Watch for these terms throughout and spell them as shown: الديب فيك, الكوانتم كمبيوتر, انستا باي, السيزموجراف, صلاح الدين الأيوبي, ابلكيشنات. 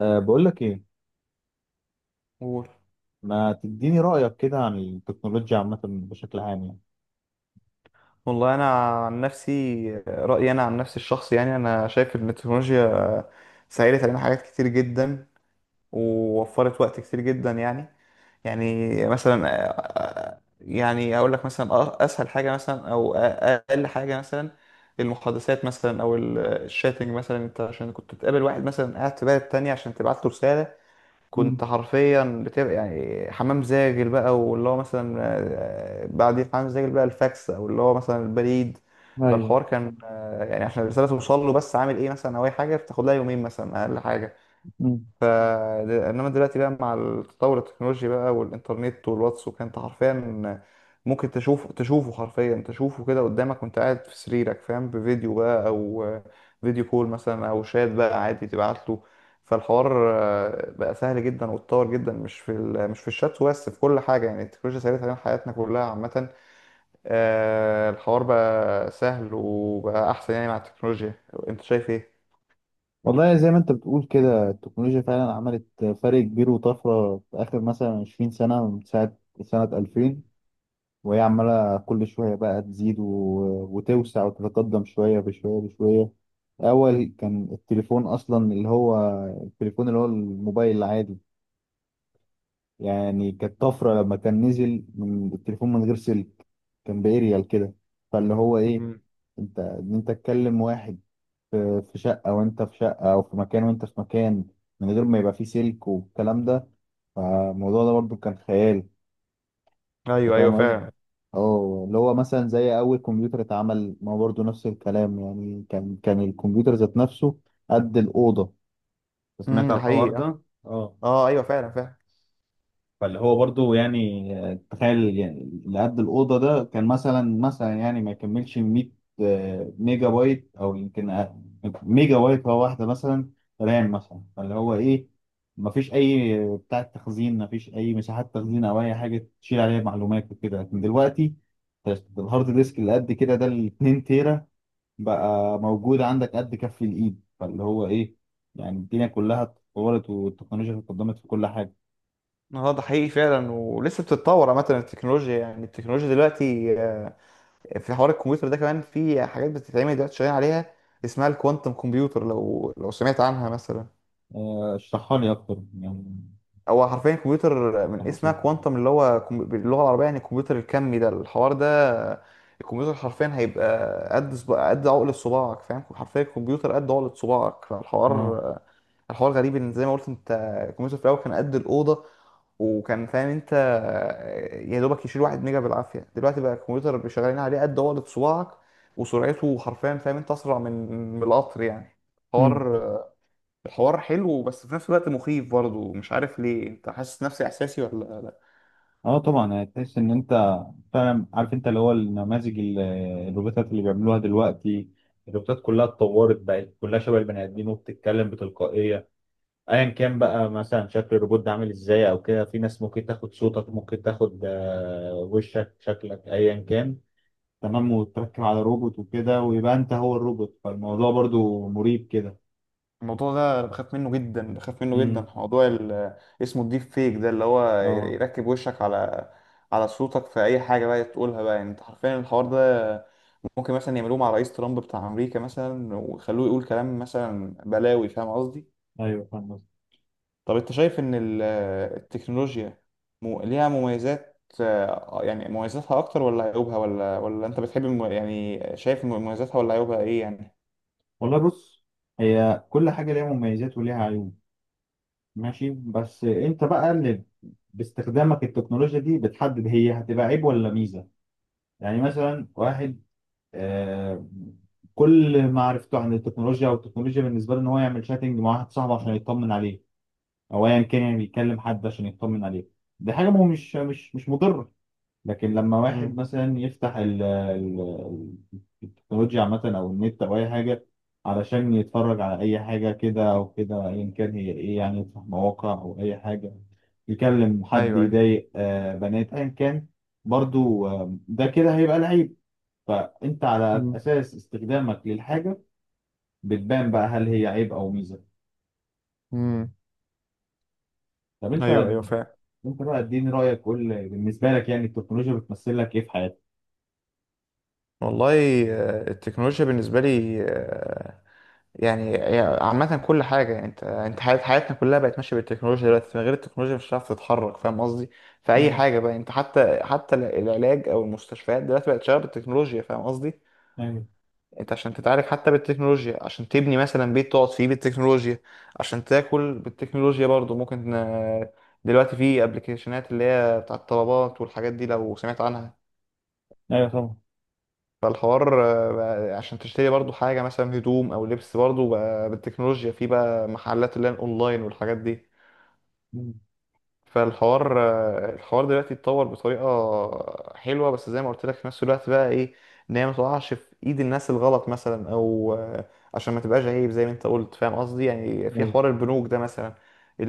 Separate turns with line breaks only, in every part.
بقول لك ايه.
قول.
ما تديني رأيك كده عن التكنولوجيا عامة بشكل عام
والله، انا عن نفسي رايي انا عن نفسي الشخصي، يعني انا شايف ان التكنولوجيا سهلت علينا حاجات كتير جدا، ووفرت وقت كتير جدا، يعني مثلا يعني اقول لك مثلا اسهل حاجه مثلا، او اقل حاجه مثلا، المحادثات مثلا، او الشاتنج مثلا. انت عشان كنت تقابل واحد مثلا قاعد في بلد تانية عشان تبعت له رساله،
مم.
كنت حرفيا بتبقى يعني حمام زاجل بقى، واللي هو مثلا بعد حمام زاجل بقى الفاكس، او اللي هو مثلا البريد.
ايوه.
فالحوار كان يعني عشان الرساله توصل له بس، عامل ايه مثلا، او اي حاجه بتاخد لها يومين مثلا اقل حاجه.
مم.
ف انما دلوقتي بقى مع التطور التكنولوجي بقى، والانترنت والواتس، وكان انت حرفيا ممكن تشوفه حرفيا، تشوفه كده قدامك وانت قاعد في سريرك فاهم، بفيديو بقى، او فيديو كول مثلا، او شات بقى عادي تبعت له. فالحوار بقى سهل جدا واتطور جدا، مش في الشات وبس، في كل حاجه، يعني التكنولوجيا سهلت علينا حياتنا كلها عامه. الحوار بقى سهل وبقى احسن يعني مع التكنولوجيا. انت شايف ايه؟
والله زي ما انت بتقول كده، التكنولوجيا فعلا عملت فرق كبير وطفره في اخر مثلا 20 سنه، من ساعه سنه 2000، وهي عماله كل شويه بقى تزيد وتوسع وتتقدم شويه بشويه. اول كان التليفون اصلا اللي هو التليفون اللي هو الموبايل العادي. يعني كانت طفرة لما كان نزل من التليفون من غير سلك، كان بإيريال كده. فاللي هو إيه،
مم.
أنت إن أنت تكلم واحد في شقة وأنت في شقة، أو في مكان وأنت في مكان، من غير ما يبقى فيه سلك والكلام ده. فالموضوع ده برضو كان خيال. أنت
ايوه ايوه
فاهم قصدي؟
فعلا.
اه، اللي هو مثلا زي أول كمبيوتر اتعمل، ما هو برضو نفس الكلام. يعني كان الكمبيوter ذات نفسه قد الأوضة. سمعت
ده
على الحوار
حقيقي.
ده؟ اه.
اه ايوه فعلا فعلا.
فاللي هو برضو يعني تخيل يعني اللي قد الأوضة ده كان مثلا يعني ما يكملش 100 ميجا بايت أو يمكن أقل. ميجا بايت هو واحدة مثلا رام مثلا. فاللي هو إيه، ما فيش أي بتاع تخزين، ما فيش أي مساحات تخزين أو أي حاجة تشيل عليها معلومات وكده. لكن دلوقتي الهارد ديسك اللي قد كده ده، ال 2 تيرا، بقى موجود عندك قد كف الإيد. فاللي هو إيه، يعني الدنيا كلها اتطورت والتكنولوجيا اتقدمت في كل حاجة.
اه ده حقيقي فعلا، ولسه بتتطور عامه التكنولوجيا، يعني التكنولوجيا دلوقتي في حوار الكمبيوتر ده كمان، في حاجات بتتعمل دلوقتي شغالين عليها، اسمها الكوانتم كمبيوتر، لو سمعت عنها مثلا.
اشرحها لي اكتر يعني.
هو حرفيا كمبيوتر، من اسمها
تفاصيل.
كوانتم، اللي هو باللغه العربيه يعني الكمبيوتر الكمي، ده الحوار ده. آه، الكمبيوتر حرفيا هيبقى قد عقل صباعك فاهم، حرفيا الكمبيوتر قد عقل صباعك.
اه.
فالحوار، الحوار غريب، ان زي ما قلت انت، الكمبيوتر في الاول كان قد الاوضه، وكان فاهم انت يا دوبك يشيل واحد ميجا بالعافيه، دلوقتي بقى الكمبيوتر اللي شغالين عليه قد عقلة صباعك، وسرعته حرفيا فاهم انت اسرع من القطر يعني.
مم.
حوار الحوار حلو، بس في نفس الوقت مخيف برضه، مش عارف ليه، انت حاسس نفس احساسي ولا لا؟
اه طبعا هتحس ان انت فعلا عارف. انت اللي هو النماذج الروبوتات اللي بيعملوها دلوقتي، الروبوتات كلها اتطورت، بقت كلها شبه البني ادمين وبتتكلم بتلقائيه. ايا كان بقى مثلا شكل الروبوت ده عامل ازاي او كده، في ناس ممكن تاخد صوتك، ممكن تاخد وشك شكلك ايا كان، تمام، وتركب على روبوت وكده، ويبقى انت هو الروبوت. فالموضوع برضو مريب كده.
الموضوع ده انا بخاف منه جدا، بخاف منه جدا،
مم.
موضوع اسمه الديب فيك ده، اللي هو
اه
يركب وشك على صوتك، في اي حاجه بقى تقولها بقى، يعني انت حرفيا الحوار ده ممكن مثلا يعملوه مع رئيس ترامب بتاع امريكا مثلا، ويخلوه يقول كلام مثلا بلاوي، فاهم قصدي.
ايوه فاهم.
طب انت شايف ان التكنولوجيا ليها مميزات، يعني مميزاتها اكتر ولا عيوبها، ولا انت بتحب يعني شايف مميزاتها ولا عيوبها ايه يعني؟
والله بص، هي كل حاجة ليها مميزات وليها عيوب. ماشي، بس انت بقى اللي باستخدامك التكنولوجيا دي بتحدد هي هتبقى عيب ولا ميزة. يعني مثلا واحد آه كل معرفته عن التكنولوجيا، او التكنولوجيا بالنسبة له ان هو يعمل شاتنج مع واحد صاحبه عشان يطمن عليه، او ايا كان يعني بيكلم حد عشان يطمن عليه، دي حاجة مش مش مضرة. لكن لما واحد
مم.
مثلا يفتح التكنولوجيا عامة، أو النت، أو أي حاجة، علشان يتفرج على أي حاجة كده أو كده أيا كان، هي إيه يعني، يفتح مواقع أو أي حاجة، يكلم حد،
ايوه ايوه.
يضايق بنات أيا كان، برضو ده كده هيبقى العيب. فأنت على
مم.
أساس استخدامك للحاجة بتبان بقى هل هي عيب أو ميزة.
مم.
طب أنت،
ايوه ايوه فعلا.
أنت بقى اديني رأيك، قول بالنسبة لك يعني التكنولوجيا بتمثل لك إيه في حياتك؟
والله، التكنولوجيا بالنسبه لي، يعني عامة كل حاجة، يعني انت حياتنا كلها بقت ماشية بالتكنولوجيا دلوقتي، من غير التكنولوجيا مش هتعرف تتحرك، فاهم قصدي؟ في أي
مم.
حاجة بقى انت، حتى العلاج أو المستشفيات دلوقتي بقت شغالة بالتكنولوجيا، فاهم قصدي؟
ايوه.
انت عشان تتعالج حتى بالتكنولوجيا، عشان تبني مثلا بيت تقعد فيه بالتكنولوجيا، عشان تاكل بالتكنولوجيا برضو ممكن، دلوقتي في ابلكيشنات اللي هي بتاعت الطلبات والحاجات دي، لو سمعت عنها.
ايوه طبعا.
فالحوار بقى عشان تشتري برضو حاجة، مثلا هدوم أو لبس، برضو بقى بالتكنولوجيا، في بقى محلات اللي هي الأونلاين والحاجات دي. فالحوار الحوار دلوقتي اتطور بطريقة حلوة، بس زي ما قلت لك في نفس الوقت بقى إيه، إن هي ما تقعش في إيد الناس الغلط مثلا، أو عشان ما تبقاش عيب زي ما أنت قلت، فاهم قصدي، يعني في
أيوة.
حوار البنوك ده مثلا.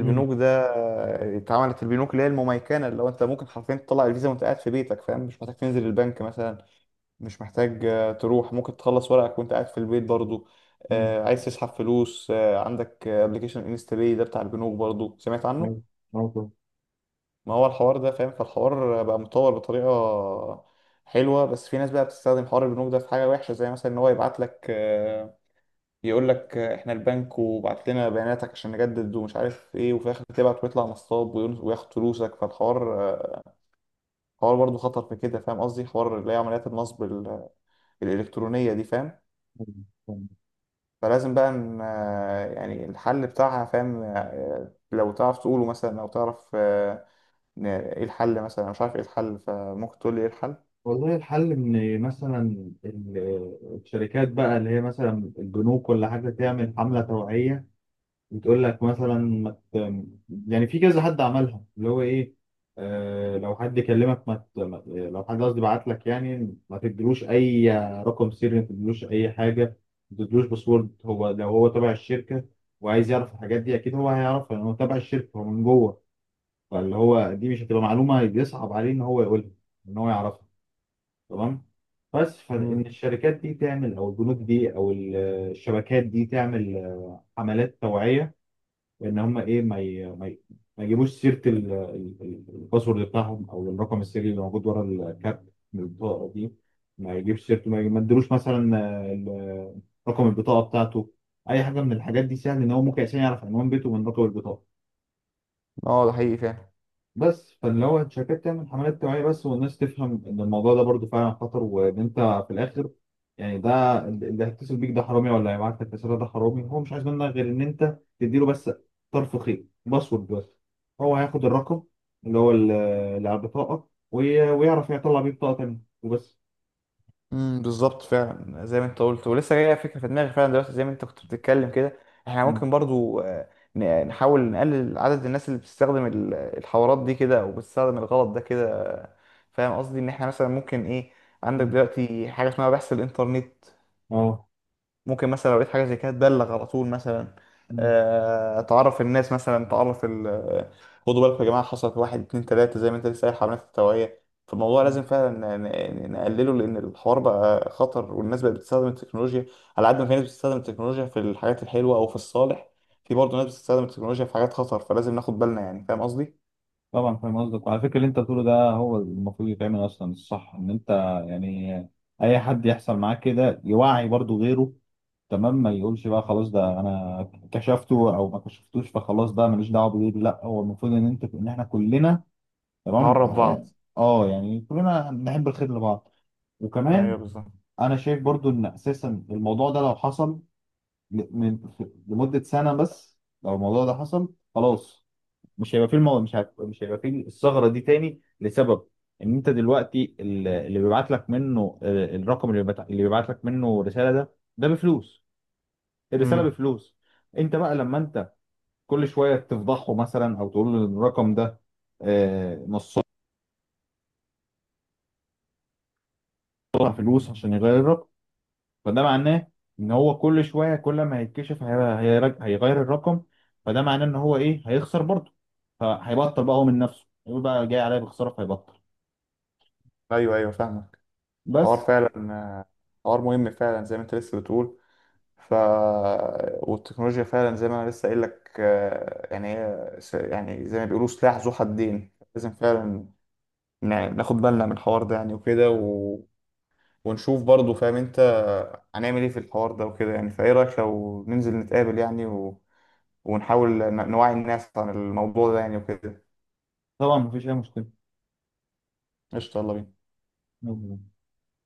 مم.
ده اتعملت البنوك اللي هي المميكنة، اللي هو أنت ممكن حرفيا تطلع الفيزا وأنت قاعد في بيتك فاهم، مش محتاج تنزل البنك مثلا، مش محتاج تروح، ممكن تخلص ورقك وانت قاعد في البيت برضو.
مم.
عايز تسحب فلوس، عندك ابلكيشن انستا باي ده بتاع البنوك برضو، سمعت
أيوة.
عنه.
أيوة.
ما هو الحوار ده فاهم. فالحوار بقى متطور بطريقة حلوة، بس في ناس بقى بتستخدم حوار البنوك ده في حاجة وحشة، زي مثلا ان هو يبعت لك يقول لك احنا البنك وبعت لنا بياناتك عشان نجدد ومش عارف ايه، وفي الاخر تبعت ويطلع نصاب، وياخد فلوسك، فالحوار حوار برضو خطر في كده، فاهم قصدي، حوار اللي هي عمليات النصب الإلكترونية دي فاهم.
أيوة. فاهم.
فلازم بقى ان يعني الحل بتاعها فاهم، لو تعرف تقوله مثلا، او تعرف إن ايه الحل مثلا، أنا مش عارف ايه الحل، فممكن تقول لي ايه الحل.
والله الحل ان مثلا ال- الشركات بقى اللي هي مثلا البنوك ولا حاجه، تعمل حمله توعيه وتقول لك مثلا ما ت- يعني في كذا حد عملها، اللي هو ايه، آه لو حد كلمك ما ت- ما- لو حد قصدي بعت لك يعني ما تديلوش اي رقم سري، ما تديلوش اي حاجه، ما تديلوش باسورد. هو لو هو تبع الشركه وعايز يعرف الحاجات دي، اكيد هو هيعرفها لان هو تبع الشركه، هو من جوه. فاللي هو دي مش هتبقى معلومه بيصعب عليه ان هو يقولها، ان هو يعرفها، تمام؟ بس فان
مم.
الشركات دي تعمل، او البنوك دي، او الشبكات دي، تعمل حملات توعيه. وان هم ايه، ما يجيبوش سيره الباسورد بتاعهم، او الرقم السري اللي موجود ورا الكارت من البطاقه دي. ما يجيبش سيرته، ما يديلوش مثلا رقم البطاقه بتاعته. اي حاجه من الحاجات دي سهل ان هو ممكن عشان يعرف عنوان بيته من رقم البطاقه.
اه ده حقيقي فعلا.
بس فاللي هو الشركات تعمل حملات توعية بس، والناس تفهم إن الموضوع ده برضو فعلا خطر، وإن أنت في الآخر، يعني ده اللي هيتصل بيك ده حرامي، ولا هيبعت لك رسالة ده حرامي، هو مش عايز منك غير إن أنت تديله بس طرف خيط، باسورد بس، هو هياخد الرقم اللي هو اللي على البطاقة، ويعرف يطلع بيه بطاقة تانية وبس.
بالظبط، فعلا زي ما انت قلت، ولسه جايه فكره في دماغي فعلا دلوقتي، زي ما انت كنت بتتكلم كده، احنا
مم.
ممكن برضو نحاول نقلل عدد الناس اللي بتستخدم الحوارات دي كده، او بتستخدم الغلط ده كده، فاهم قصدي، ان احنا مثلا ممكن ايه، عندك
مم.
دلوقتي حاجه اسمها بحث الانترنت،
أه.
ممكن مثلا لو لقيت حاجة زي كده تبلغ على طول مثلا،
مم.
تعرف الناس مثلا، تعرف ال آه، خدوا بالكم يا جماعة، حصلت واحد اتنين تلاتة، زي ما انت لسه قايل حملات التوعية. فالموضوع لازم
مم.
فعلا نقلله، لأن الحوار بقى خطر والناس بقت بتستخدم التكنولوجيا، على قد ما في ناس بتستخدم التكنولوجيا في الحاجات الحلوة أو في الصالح، في برضه ناس بتستخدم التكنولوجيا في حاجات خطر، فلازم ناخد بالنا يعني، فاهم قصدي؟
طبعا فاهم قصدك. وعلى فكرة اللي أنت بتقوله ده هو المفروض يتعمل أصلا، الصح إن أنت يعني أي حد يحصل معاه كده يوعي برضو غيره، تمام، ما يقولش بقى خلاص ده انا كشفته او ما كشفتوش فخلاص بقى ماليش دعوه بيه. لا، هو المفروض ان انت، ان احنا كلنا، تمام،
نقرب بعض.
اه يعني كلنا نحب الخير لبعض.
ايوه
وكمان
بالظبط.
انا شايف برضو ان اساسا الموضوع ده لو حصل ل- من لمده سنه بس، لو الموضوع ده حصل خلاص، مش هيبقى فيه الثغره دي تاني، لسبب ان انت دلوقتي اللي بيبعت لك منه الرقم، اللي بيبعت لك منه رساله ده، ده بفلوس، الرساله
امم،
بفلوس. انت بقى لما انت كل شويه تفضحه مثلا، او تقول له الرقم ده نصها فلوس عشان يغير الرقم. فده معناه ان هو كل شويه، كل ما هيتكشف هيغير الرقم. فده معناه ان هو ايه، هيخسر برضه، فهيبطل بقى هو من نفسه، يقول بقى جاي عليا بخساره، فهيبطل
ايوه ايوه فاهمك. حوار
بس.
فعلا، حوار مهم فعلا، زي ما انت لسه بتقول. ف والتكنولوجيا فعلا زي ما انا لسه قايل لك، يعني هي يعني زي ما بيقولوا سلاح ذو حدين، لازم فعلا ناخد بالنا من الحوار ده يعني، وكده ونشوف برضه فاهم انت هنعمل ايه في الحوار ده وكده يعني، فايه رايك لو ننزل نتقابل يعني ونحاول نوعي الناس عن الموضوع ده يعني وكده.
طبعا مفيش اي
قشطة، يلا بينا.
مشكله.